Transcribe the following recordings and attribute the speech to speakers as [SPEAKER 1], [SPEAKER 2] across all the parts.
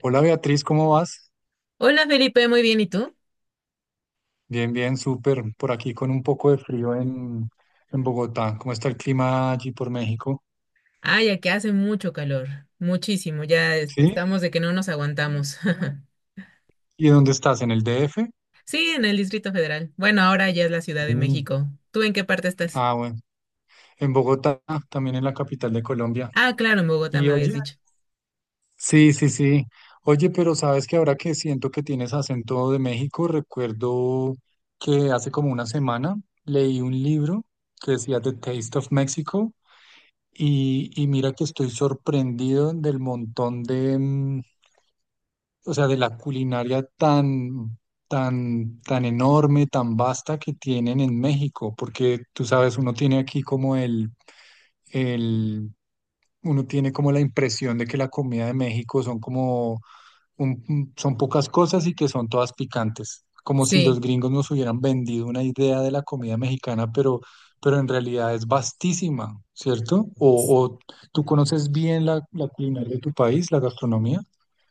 [SPEAKER 1] Hola Beatriz, ¿cómo vas?
[SPEAKER 2] Hola Felipe, muy bien, ¿y tú?
[SPEAKER 1] Bien, bien, súper. Por aquí con un poco de frío en Bogotá. ¿Cómo está el clima allí por México?
[SPEAKER 2] Ay, aquí hace mucho calor, muchísimo,
[SPEAKER 1] ¿Sí?
[SPEAKER 2] estamos de que no nos aguantamos.
[SPEAKER 1] ¿Y dónde estás? ¿En el DF?
[SPEAKER 2] Sí, en el Distrito Federal. Bueno, ahora ya es la Ciudad de
[SPEAKER 1] Mm.
[SPEAKER 2] México. ¿Tú en qué parte estás?
[SPEAKER 1] Ah, bueno. En Bogotá, también en la capital de Colombia.
[SPEAKER 2] Ah, claro, en Bogotá
[SPEAKER 1] ¿Y
[SPEAKER 2] me habías
[SPEAKER 1] oye?
[SPEAKER 2] dicho.
[SPEAKER 1] Sí, sí, sí. Oye, pero sabes que ahora que siento que tienes acento de México, recuerdo que hace como una semana leí un libro que decía The Taste of Mexico y mira que estoy sorprendido del montón de, o sea, de la culinaria tan, tan, tan enorme, tan vasta que tienen en México, porque tú sabes, uno tiene aquí como el, uno tiene como la impresión de que la comida de México son como, son pocas cosas y que son todas picantes, como si los
[SPEAKER 2] Sí,
[SPEAKER 1] gringos nos hubieran vendido una idea de la comida mexicana, pero en realidad es vastísima, ¿cierto? O tú conoces bien la culinaria de tu país, la gastronomía.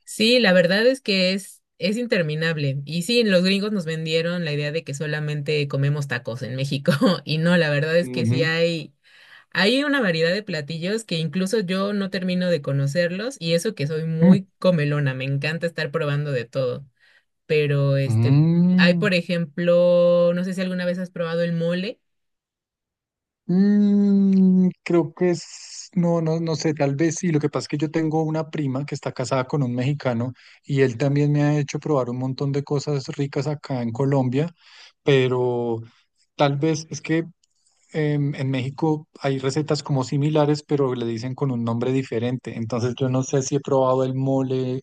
[SPEAKER 2] sí, la verdad es que es interminable. Y sí, los gringos nos vendieron la idea de que solamente comemos tacos en México. Y no, la verdad es que sí
[SPEAKER 1] Ujú.
[SPEAKER 2] hay. Hay una variedad de platillos que incluso yo no termino de conocerlos y eso que soy
[SPEAKER 1] Mm,
[SPEAKER 2] muy comelona, me encanta estar probando de todo. Pero este, hay
[SPEAKER 1] mm,
[SPEAKER 2] por ejemplo, no sé si alguna vez has probado el mole.
[SPEAKER 1] creo que es, no, no, no sé, tal vez sí. Lo que pasa es que yo tengo una prima que está casada con un mexicano y él también me ha hecho probar un montón de cosas ricas acá en Colombia, pero tal vez es que en México hay recetas como similares, pero le dicen con un nombre diferente. Entonces yo no sé si he probado el mole.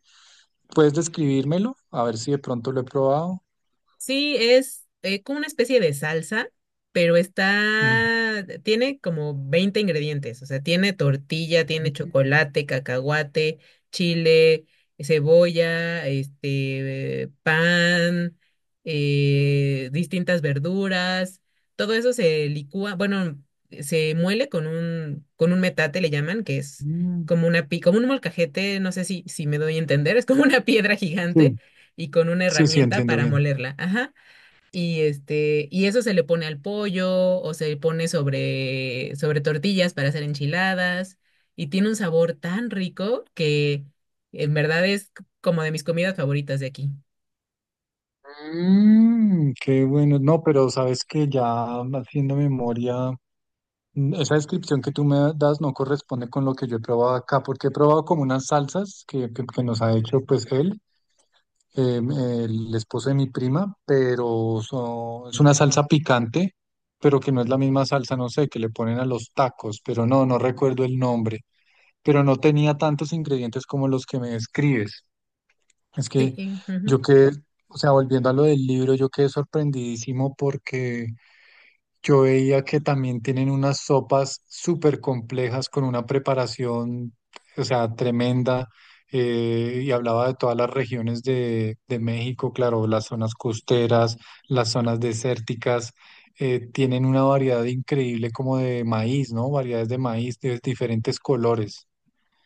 [SPEAKER 1] ¿Puedes describírmelo? A ver si de pronto lo he probado.
[SPEAKER 2] Sí, es como una especie de salsa, pero
[SPEAKER 1] Ujú,
[SPEAKER 2] está, tiene como 20 ingredientes, o sea, tiene tortilla, tiene chocolate, cacahuate, chile, cebolla, este, pan, distintas verduras, todo eso se licúa, bueno, se muele con un metate, le llaman, que es
[SPEAKER 1] mm,
[SPEAKER 2] como una, como un molcajete, no sé si, si me doy a entender, es como una piedra
[SPEAKER 1] sí,
[SPEAKER 2] gigante y con una
[SPEAKER 1] sí, sí,
[SPEAKER 2] herramienta
[SPEAKER 1] entiendo
[SPEAKER 2] para
[SPEAKER 1] bien.
[SPEAKER 2] molerla, ajá. Y este, y eso se le pone al pollo o se le pone sobre tortillas para hacer enchiladas y tiene un sabor tan rico que en verdad como de mis comidas favoritas de aquí.
[SPEAKER 1] Mm, qué bueno. No, pero sabes que ya haciendo memoria, esa descripción que tú me das no corresponde con lo que yo he probado acá, porque he probado como unas salsas que nos ha hecho pues él, el esposo de mi prima, pero es una salsa picante, pero que no es la misma salsa, no sé, que le ponen a los tacos, pero no, no recuerdo el nombre. Pero no tenía tantos ingredientes como los que me describes. Es
[SPEAKER 2] Sí,
[SPEAKER 1] que
[SPEAKER 2] ujú.
[SPEAKER 1] yo quedé, o sea, volviendo a lo del libro, yo quedé sorprendidísimo porque yo veía que también tienen unas sopas súper complejas con una preparación, o sea, tremenda. Y hablaba de todas las regiones de México, claro, las zonas costeras, las zonas desérticas, tienen una variedad increíble como de maíz, ¿no? Variedades de maíz de diferentes colores.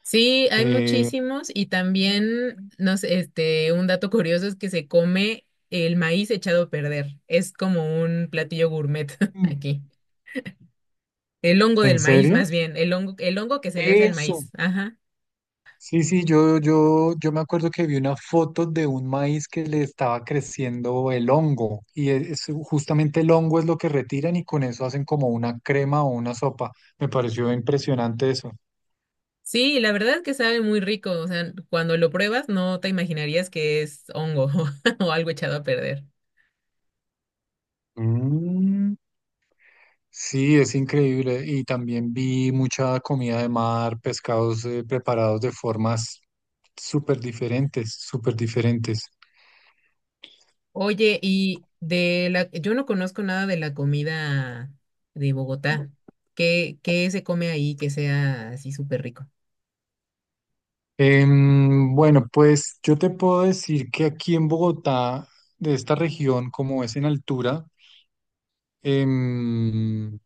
[SPEAKER 2] Sí, hay
[SPEAKER 1] Eh,
[SPEAKER 2] muchísimos y también, no sé, este, un dato curioso es que se come el maíz echado a perder. Es como un platillo gourmet
[SPEAKER 1] Mm.
[SPEAKER 2] aquí. El hongo del
[SPEAKER 1] ¿En
[SPEAKER 2] maíz,
[SPEAKER 1] serio?
[SPEAKER 2] más bien, el hongo que se le hace al
[SPEAKER 1] Eso.
[SPEAKER 2] maíz. Ajá.
[SPEAKER 1] Sí, sí, yo me acuerdo que vi una foto de un maíz que le estaba creciendo el hongo y justamente el hongo es lo que retiran y con eso hacen como una crema o una sopa. Me pareció impresionante eso.
[SPEAKER 2] Sí, la verdad es que sabe muy rico. O sea, cuando lo pruebas no te imaginarías que es hongo o algo echado a perder.
[SPEAKER 1] Mm, sí, es increíble. Y también vi mucha comida de mar, pescados preparados de formas súper diferentes, súper diferentes.
[SPEAKER 2] Oye, yo no conozco nada de la comida de Bogotá. ¿Qué, qué se come ahí que sea así súper rico?
[SPEAKER 1] Bueno, pues yo te puedo decir que aquí en Bogotá, de esta región, como es en altura, em,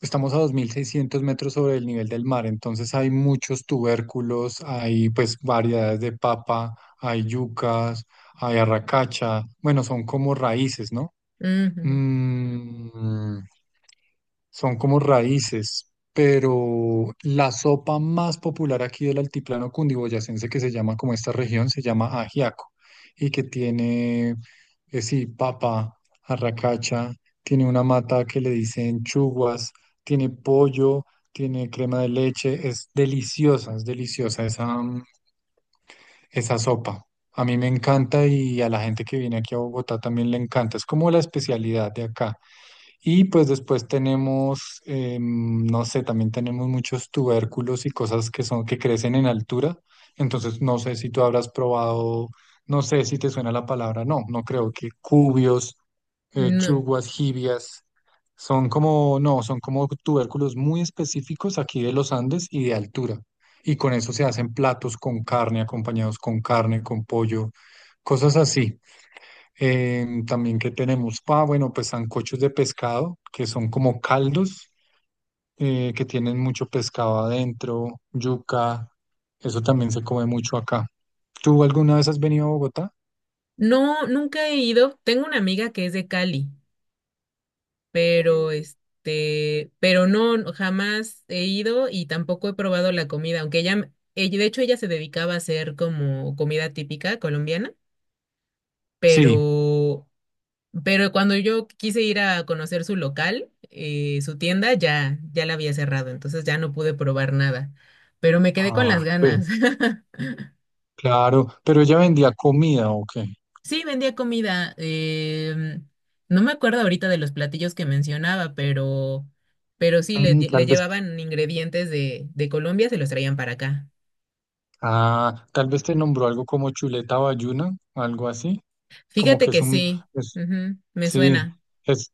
[SPEAKER 1] estamos a 2.600 metros sobre el nivel del mar, entonces hay muchos tubérculos, hay pues variedades de papa, hay yucas, hay arracacha, bueno, son como raíces, ¿no?
[SPEAKER 2] Mm, ujú.
[SPEAKER 1] Mm, son como raíces, pero la sopa más popular aquí del altiplano cundiboyacense que se llama como esta región se llama ajiaco y que tiene, sí, papa, arracacha, tiene una mata que le dicen chuguas, tiene pollo, tiene crema de leche, es deliciosa esa, esa sopa. A mí me encanta y a la gente que viene aquí a Bogotá también le encanta. Es como la especialidad de acá. Y pues después tenemos, no sé, también tenemos muchos tubérculos y cosas que son, que crecen en altura. Entonces, no sé si tú habrás probado, no sé si te suena la palabra, no, no creo, que cubios,
[SPEAKER 2] No.
[SPEAKER 1] chuguas, jibias, son como, no, son como tubérculos muy específicos aquí de los Andes y de altura. Y con eso se hacen platos con carne, acompañados con carne, con pollo, cosas así. También que tenemos, ah, bueno, pues sancochos de pescado, que son como caldos, que tienen mucho pescado adentro, yuca, eso también se come mucho acá. ¿Tú alguna vez has venido a Bogotá?
[SPEAKER 2] No, nunca he ido. Tengo una amiga que es de Cali pero este, pero no, no, jamás he ido y tampoco he probado la comida, aunque de hecho ella se dedicaba a hacer como comida típica colombiana,
[SPEAKER 1] Sí.
[SPEAKER 2] pero, pero cuando yo quise ir a conocer su local, su tienda, ya la había cerrado, entonces ya no pude probar nada, pero me quedé con las
[SPEAKER 1] Ah, pues,
[SPEAKER 2] ganas.
[SPEAKER 1] claro, pero ella vendía comida, ¿o qué?
[SPEAKER 2] Sí, vendía comida. Em, no me acuerdo ahorita de los platillos que mencionaba, pero sí,
[SPEAKER 1] Mm,
[SPEAKER 2] le
[SPEAKER 1] tal vez,
[SPEAKER 2] llevaban ingredientes de Colombia, se los traían para acá.
[SPEAKER 1] ah, tal vez te nombró algo como chuleta bayuna, algo así, como
[SPEAKER 2] Fíjate
[SPEAKER 1] que es
[SPEAKER 2] que
[SPEAKER 1] un,
[SPEAKER 2] sí,
[SPEAKER 1] es-
[SPEAKER 2] ujú, me
[SPEAKER 1] sí,
[SPEAKER 2] suena.
[SPEAKER 1] es,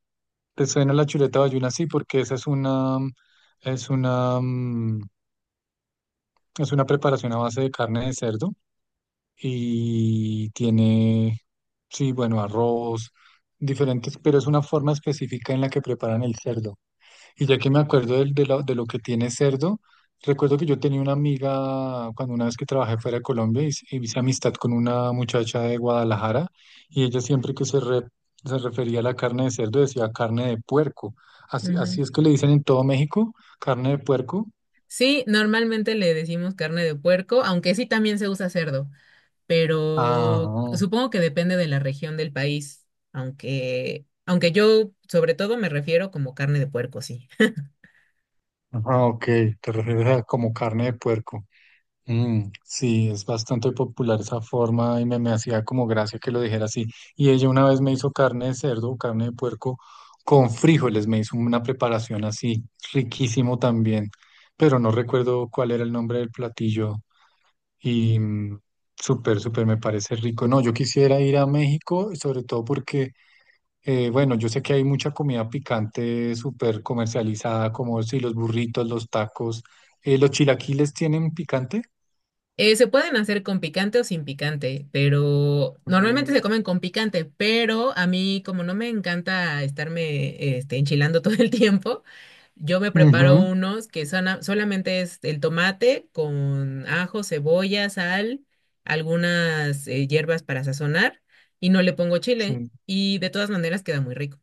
[SPEAKER 1] te suena la chuleta bayuna, sí, porque esa es una, Es una preparación a base de carne de cerdo y tiene, sí, bueno, arroz, diferentes, pero es una forma específica en la que preparan el cerdo. Y ya que me acuerdo de lo que tiene cerdo, recuerdo que yo tenía una amiga cuando una vez que trabajé fuera de Colombia hice amistad con una muchacha de Guadalajara y ella siempre que se refería a la carne de cerdo decía carne de puerco. Así, así
[SPEAKER 2] Ujú.
[SPEAKER 1] es que le dicen en todo México, carne de puerco.
[SPEAKER 2] Sí, normalmente le decimos carne de puerco, aunque sí también se usa cerdo, pero
[SPEAKER 1] Ah.
[SPEAKER 2] supongo que depende de la región del país, aunque yo sobre todo me refiero como carne de puerco, sí.
[SPEAKER 1] Ah, ok, te refieres a como carne de puerco. Mm, sí, es bastante popular esa forma y me hacía como gracia que lo dijera así. Y ella una vez me hizo carne de cerdo, carne de puerco con frijoles, me hizo una preparación así, riquísimo también, pero no recuerdo cuál era el nombre del platillo y súper, súper me parece rico. No, yo quisiera ir a México, sobre todo porque bueno, yo sé que hay mucha comida picante súper comercializada, como si los burritos, los tacos, los chilaquiles tienen picante.
[SPEAKER 2] Se pueden hacer con picante o sin picante, pero normalmente se
[SPEAKER 1] Mm,
[SPEAKER 2] comen con picante, pero a mí como no me encanta estarme este, enchilando todo el tiempo, yo me preparo
[SPEAKER 1] ujú,
[SPEAKER 2] unos que solamente es el tomate con ajo, cebolla, sal, algunas hierbas para sazonar y no le pongo chile
[SPEAKER 1] sí.
[SPEAKER 2] y de todas maneras queda muy rico.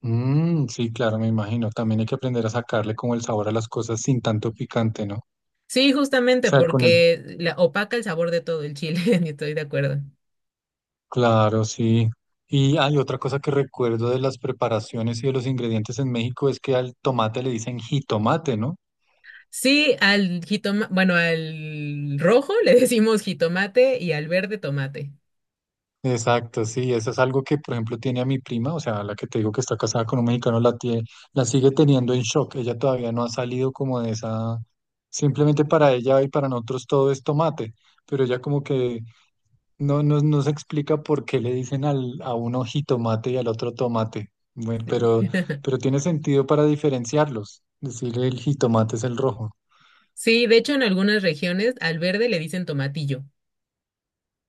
[SPEAKER 1] Mm, sí, claro, me imagino. También hay que aprender a sacarle como el sabor a las cosas sin tanto picante, ¿no? O
[SPEAKER 2] Sí, justamente
[SPEAKER 1] sea, con el.
[SPEAKER 2] porque la, opaca el sabor de todo el chile, y estoy de acuerdo.
[SPEAKER 1] Claro, sí. Y hay otra cosa que recuerdo de las preparaciones y de los ingredientes en México es que al tomate le dicen jitomate, ¿no?
[SPEAKER 2] Sí, al jitomate, bueno, al rojo le decimos jitomate y al verde tomate.
[SPEAKER 1] Exacto, sí, eso es algo que, por ejemplo, tiene a mi prima, o sea, la que te digo que está casada con un mexicano, la sigue teniendo en shock. Ella todavía no ha salido como de esa, simplemente para ella y para nosotros todo es tomate, pero ella como que no, no, no se explica por qué le dicen a uno jitomate y al otro tomate. Bueno, pero tiene sentido para diferenciarlos, decir el jitomate es el rojo.
[SPEAKER 2] Sí, de hecho en algunas regiones al verde le dicen tomatillo.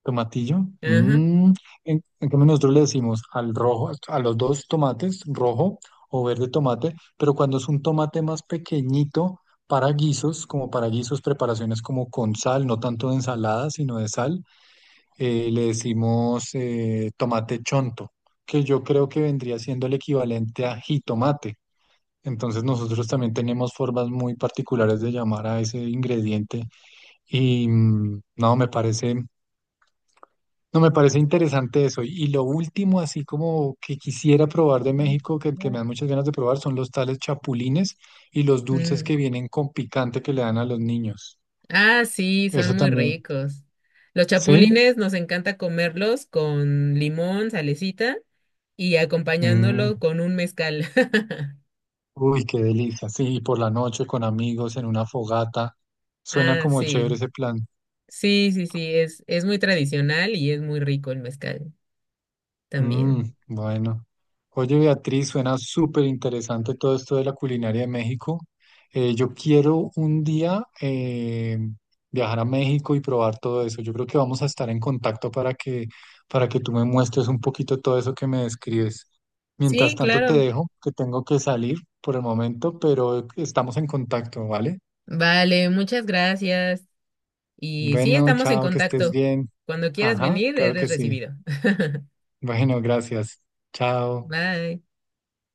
[SPEAKER 1] Tomatillo.
[SPEAKER 2] Ajá.
[SPEAKER 1] Mm, en cambio nosotros le decimos al rojo, a los dos tomates, rojo o verde tomate, pero cuando es un tomate más pequeñito para guisos, como para guisos, preparaciones como con sal, no tanto de ensalada, sino de sal, le decimos tomate chonto, que yo creo que vendría siendo el equivalente a jitomate. Entonces nosotros también tenemos formas muy particulares de llamar a ese ingrediente y no, me parece. No, me parece interesante eso. Y lo último, así como que quisiera probar de
[SPEAKER 2] Mm,
[SPEAKER 1] México, que me
[SPEAKER 2] mm.
[SPEAKER 1] dan muchas ganas de probar, son los tales chapulines y los dulces que
[SPEAKER 2] Mm.
[SPEAKER 1] vienen con picante que le dan a los niños.
[SPEAKER 2] Ah, sí, son
[SPEAKER 1] Eso
[SPEAKER 2] muy
[SPEAKER 1] también.
[SPEAKER 2] ricos. Los
[SPEAKER 1] ¿Sí?
[SPEAKER 2] chapulines nos encanta comerlos con limón, salecita y
[SPEAKER 1] Mm,
[SPEAKER 2] acompañándolo con un mezcal.
[SPEAKER 1] Uy, qué delicia. Sí, y por la noche con amigos en una fogata. Suena
[SPEAKER 2] Ah,
[SPEAKER 1] como chévere
[SPEAKER 2] sí.
[SPEAKER 1] ese plan.
[SPEAKER 2] Sí, sí, sí, es muy tradicional y es muy rico el mezcal
[SPEAKER 1] Mm,
[SPEAKER 2] también.
[SPEAKER 1] bueno. Oye, Beatriz, suena súper interesante todo esto de la culinaria de México. Yo quiero un día viajar a México y probar todo eso. Yo creo que vamos a estar en contacto para que, tú me muestres un poquito todo eso que me describes. Mientras
[SPEAKER 2] Sí,
[SPEAKER 1] tanto, te
[SPEAKER 2] claro.
[SPEAKER 1] dejo, que tengo que salir por el momento, pero estamos en contacto, ¿vale?
[SPEAKER 2] Vale, muchas gracias. Y sí,
[SPEAKER 1] Bueno,
[SPEAKER 2] estamos en
[SPEAKER 1] chao, que estés
[SPEAKER 2] contacto.
[SPEAKER 1] bien.
[SPEAKER 2] Cuando quieras
[SPEAKER 1] Ajá,
[SPEAKER 2] venir,
[SPEAKER 1] claro que
[SPEAKER 2] eres
[SPEAKER 1] sí.
[SPEAKER 2] recibido.
[SPEAKER 1] Bueno, gracias. Chao.
[SPEAKER 2] Bye.